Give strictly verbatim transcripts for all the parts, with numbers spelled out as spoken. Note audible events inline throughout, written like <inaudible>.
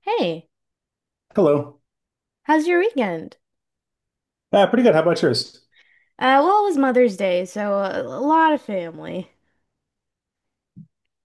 Hey, Hello. how's your weekend? Uh, pretty good. How about yours? Uh, well, it was Mother's Day, so a, a lot of family.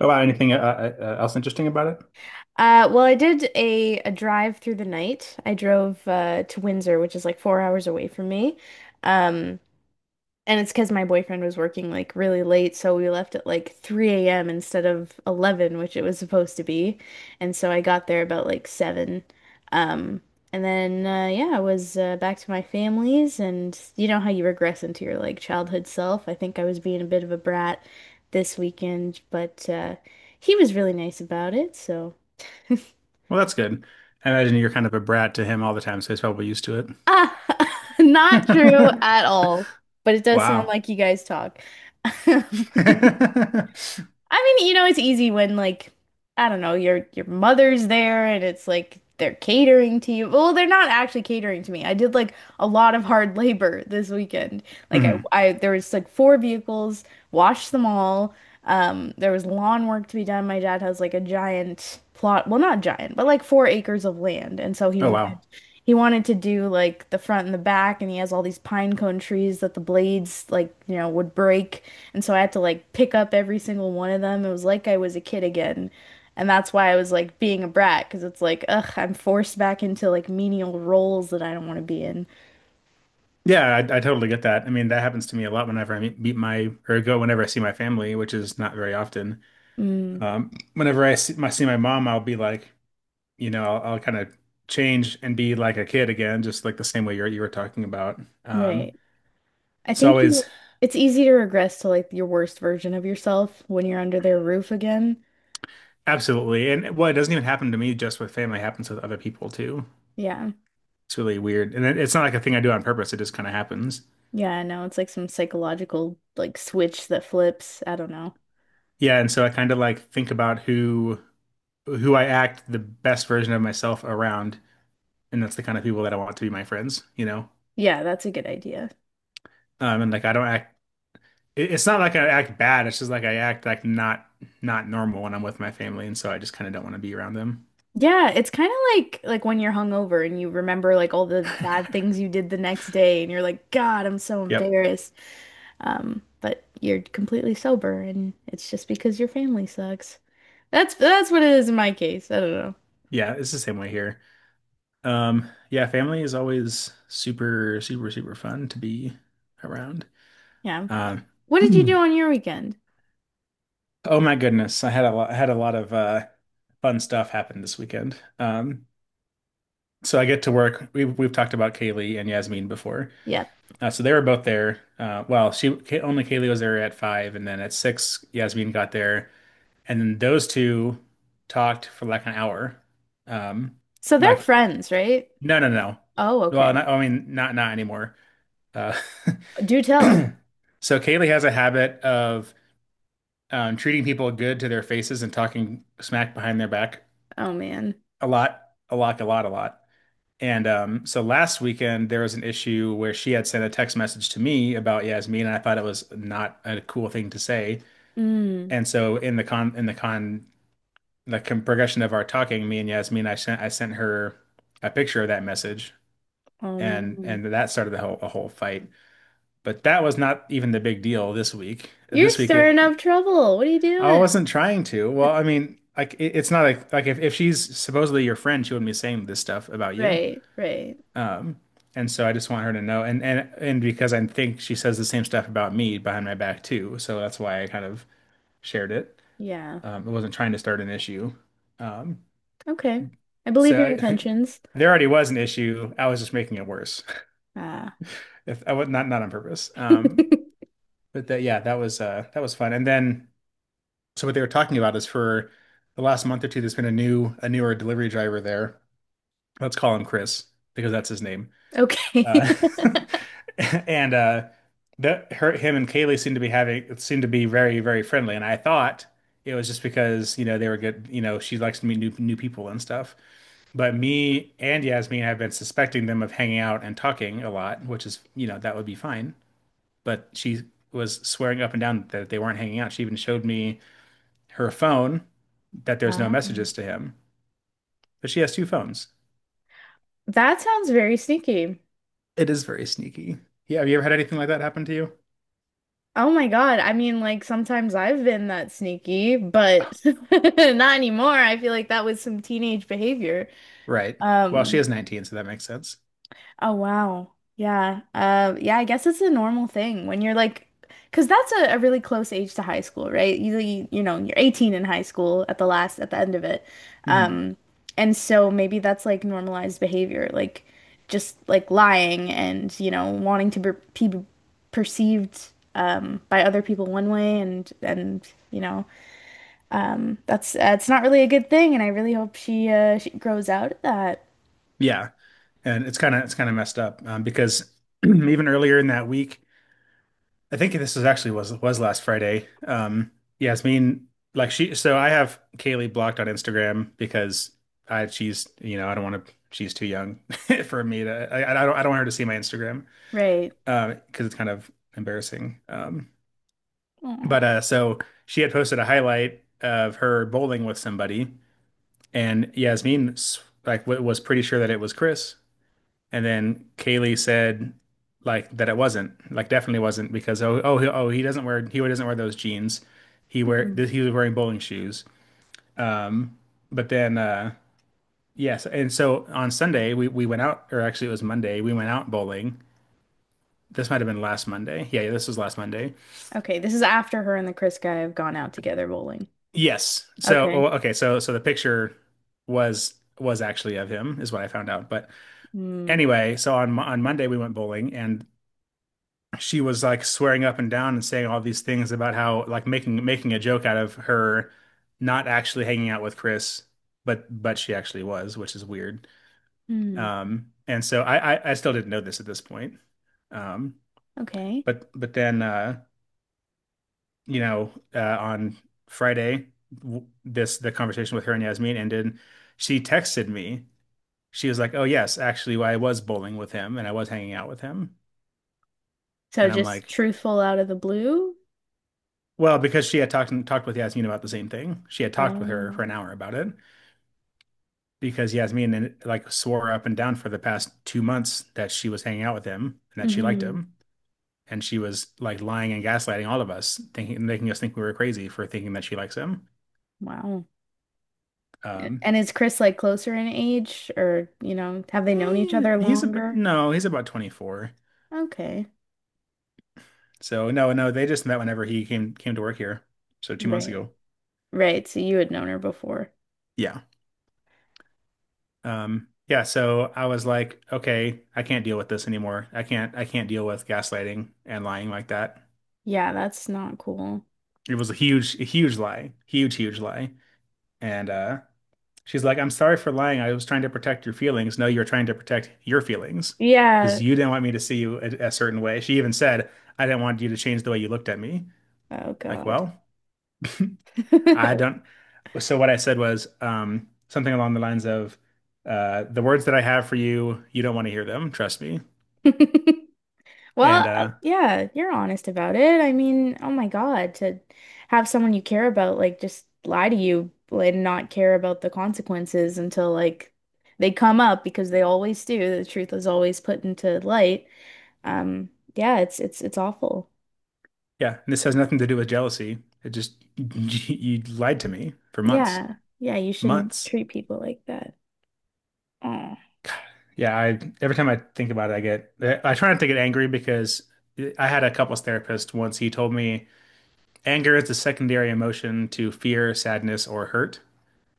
Oh, wow, anything uh, uh, uh, else interesting about it? Uh, well, I did a, a drive through the night. I drove uh, to Windsor, which is like four hours away from me. Um, And it's because my boyfriend was working like really late, so we left at like three a m instead of eleven, which it was supposed to be. And so I got there about like seven. Um, and then uh, yeah, I was uh, back to my family's, and you know how you regress into your like childhood self. I think I was being a bit of a brat this weekend, but uh, he was really nice about it, so Well, that's good. I imagine you're kind of a brat to him all the time, so he's probably used to it. ah, <laughs> not true at <laughs> all. But it does sound Wow. like you guys talk. <laughs> <laughs> I mean, you know, it's easy when like I don't know, your your mother's there and it's like they're catering to you. Well, they're not actually catering to me. I did like a lot of hard <laughs> labor this weekend. Like Hmm. I, I there was like four vehicles, washed them all. Um, there was lawn work to be done. My dad has like a giant plot, well, not giant, but like four acres of land, and so he Oh, wanted wow. he wanted to do like the front and the back, and he has all these pine cone trees that the blades like, you know, would break. And so I had to like pick up every single one of them. It was like I was a kid again. And that's why I was like being a brat, because it's like, ugh, I'm forced back into like menial roles that I don't want to be in. Yeah, I, I totally get that. I mean, that happens to me a lot whenever I meet, meet my or go whenever I see my family, which is not very often. Mm, Um, whenever I see my, see my mom, I'll be like, you know, I'll, I'll kind of change and be like a kid again, just like the same way you're, you were talking about. Um, right. I it's think you, always it's easy to regress to like your worst version of yourself when you're under their roof again. Absolutely, and well, it doesn't even happen to me just with family; it happens with other people too. Yeah. It's really weird, and it, it's not like a thing I do on purpose. It just kind of happens. Yeah, I know. It's like some psychological like switch that flips. I don't know. Yeah, and so I kind of like think about who who I act the best version of myself around, and that's the kind of people that I want to be my friends, you know? Yeah, that's a good idea. Um, and like I don't act, it- it's not like I act bad, it's just like I act like not not normal when I'm with my family, and so I just kind of don't want to be around them. Yeah, it's kind of like like when you're hungover and you remember like all the bad things you did the next day and you're like, God, I'm so Yep. embarrassed. Um, but you're completely sober and it's just because your family sucks. That's that's what it is in my case. I don't know. Yeah, it's the same way here. Um, yeah, family is always super, super, super fun to be around. Yeah. Um, What <clears throat> did you Hmm. do on your weekend? Oh my goodness, I had a lot, I had a lot of uh fun stuff happen this weekend. Um, so I get to work. We've we've talked about Kaylee and Yasmin before. Yeah. Uh, so they were both there. Uh, well, she Ka- only Kaylee was there at five, and then at six, Yasmin got there, and then those two talked for like an hour. Um, So they're like friends, right? no, no, no. Oh, Well, okay. not, I mean, not not anymore. Uh, <clears throat> Do tell. so Kaylee has a habit of um, treating people good to their faces and talking smack behind their back Oh man. a lot, a lot, a lot, a lot. And um, so last weekend there was an issue where she had sent a text message to me about Yasmin, and I thought it was not a cool thing to say. Mm. And so in the con in the con the con progression of our talking, me and Yasmin, I sent I sent her a picture of that message, Oh and man. and that started the whole a whole fight. But that was not even the big deal this week. You're This week it, stirring up trouble. What are you I doing? wasn't trying to. Well, <laughs> I mean, like it, it's not like like if, if she's supposedly your friend, she wouldn't be saying this stuff about you. Right, right. Um, and so I just want her to know, and and and because I think she says the same stuff about me behind my back too, so that's why I kind of shared it. Yeah. Um, I wasn't trying to start an issue. Um, Okay. I believe so your I, intentions. <laughs> there already was an issue. I was just making it worse. <laughs> Uh, If I was not not on purpose. Um, <laughs> but that yeah, that was uh that was fun. And then so what they were talking about is, for the last month or two, there's been a new a newer delivery driver there. Let's call him Chris because that's his name. okay. Uh, <laughs> <laughs> and uh, that her, him and Kaylee seem to be having seem to be very, very friendly. And I thought it was just because, you know, they were good, you know, she likes to meet new new people and stuff. But me and Yasmin have been suspecting them of hanging out and talking a lot, which is, you know, that would be fine. But she was swearing up and down that they weren't hanging out. She even showed me her phone that there's no Ah. messages to him. But she has two phones. That sounds very sneaky. It is very sneaky. Yeah, have you ever had anything like that happen to you? Oh my God. I mean, like sometimes I've been that sneaky, but <laughs> not anymore. I feel like that was some teenage behavior. Right. Well, she Um, is nineteen, so that makes sense. Oh wow. Yeah. Uh yeah, I guess it's a normal thing when you're like because that's a, a really close age to high school, right? Usually, you know, you're eighteen in high school at the last at the end of it. Hmm. Um and so maybe that's like normalized behavior, like just like lying and, you know, wanting to be, be perceived um by other people one way and and you know, um that's uh, it's not really a good thing and I really hope she uh she grows out of that. Yeah, and it's kind of it's kind of messed up um, because <clears throat> even earlier in that week, I think this was actually was was last Friday. Um, Yasmin, like she, so I have Kaylee blocked on Instagram because I she's, you know, I don't want to, she's too young <laughs> for me to, I, I don't I don't want her to see my Instagram Right. uh, because it's kind of embarrassing. Um, Aw. but uh, so she had posted a highlight of her bowling with somebody. And Yasmin s- like w was pretty sure that it was Chris, and then Kaylee said like that it wasn't, like definitely wasn't, because oh oh he, oh, he doesn't wear he doesn't wear those jeans. He wear th- he was wearing bowling shoes. Um, but then uh yes, and so on Sunday we we went out, or actually it was Monday. We went out bowling. This might have been last Monday. Yeah, yeah, this was last Monday. Okay, this is after her and the Chris guy have gone out together bowling. Yes. So Okay. oh, okay, so so the picture was was actually of him, is what I found out, but. Mm. Anyway, so on on Monday we went bowling, and she was like swearing up and down and saying all these things about how, like, making making a joke out of her not actually hanging out with Chris, but but she actually was, which is weird. Mm. Um, and so I, I I still didn't know this at this point. Um, Okay. but but then uh, you know uh, on Friday, w- this the conversation with her and Yasmin ended. She texted me. She was like, "Oh yes, actually, I was bowling with him and I was hanging out with him." So And I'm just like, truthful out of the blue? well, because she had talked talked with Yasmin about the same thing. She had talked with her Oh. for an hour about it, because Yasmin like swore up and down for the past two months that she was hanging out with him and that she liked Hmm. him. And she was like lying and gaslighting all of us, thinking making us think we were crazy for thinking that she likes him. Wow. Um, And is Chris like closer in age or, you know, have they known each eh, other he's a longer? no, he's about twenty-four. Okay. So no, no, they just met whenever he came came to work here. So two months Right. ago. Right. So you had known her before. Yeah. Um, yeah, so I was like, okay, I can't deal with this anymore. I can't I can't deal with gaslighting and lying like that. Yeah, that's not cool. It was a huge, a huge lie, huge, huge lie. And uh, she's like, I'm sorry for lying, I was trying to protect your feelings. No, you're trying to protect your feelings, Yeah. because you didn't want me to see you a, a certain way. She even said, I didn't want you to change the way you looked at me. Oh Like, God. well, I don't. <laughs> So what I said was, um, something along the lines of, uh, the words that I have for you, you don't want to hear them. Trust me. <laughs> Well, And uh, uh, yeah, you're honest about it. I mean, oh my God, to have someone you care about like just lie to you and not care about the consequences until like they come up because they always do. The truth is always put into light. Um, yeah, it's it's it's awful. Yeah, and this has nothing to do with jealousy. It just, <laughs> you lied to me for months, Yeah. Yeah, you shouldn't months. treat people like that. Oh. Yeah, I every time I think about it, I get, I try not to get angry, because I had a couples therapist once. He told me anger is the secondary emotion to fear, sadness, or hurt.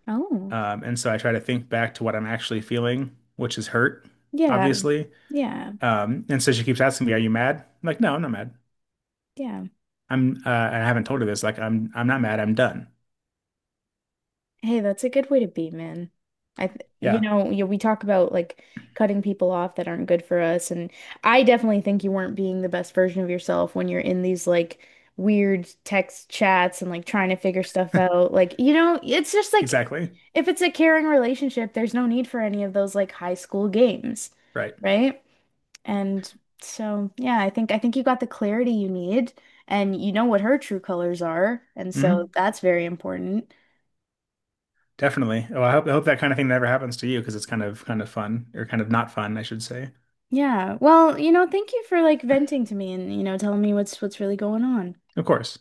Oh. Um, and so I try to think back to what I'm actually feeling, which is hurt, Yeah. obviously. Yeah. Um, and so she keeps asking me, "Are you mad?" I'm like, "No, I'm not mad. Yeah. I'm uh, I haven't told her this. Like, I'm I'm not mad. I'm done." Hey, that's a good way to be, man. I, th you Yeah, know, you, we talk about like cutting people off that aren't good for us, and I definitely think you weren't being the best version of yourself when you're in these like weird text chats and like trying to figure stuff <laughs> out. Like, you know, it's just like exactly. if it's a caring relationship, there's no need for any of those like high school games, Right. right? And so, yeah, I think I think you got the clarity you need, and you know what her true colors are, and so Hmm. that's very important. Definitely. Oh, I hope I hope that kind of thing never happens to you, because it's kind of, kind of fun, or kind of not fun, I should say. Yeah. Well, you know, thank you for like venting to me and, you know, telling me what's what's really going on. Of course.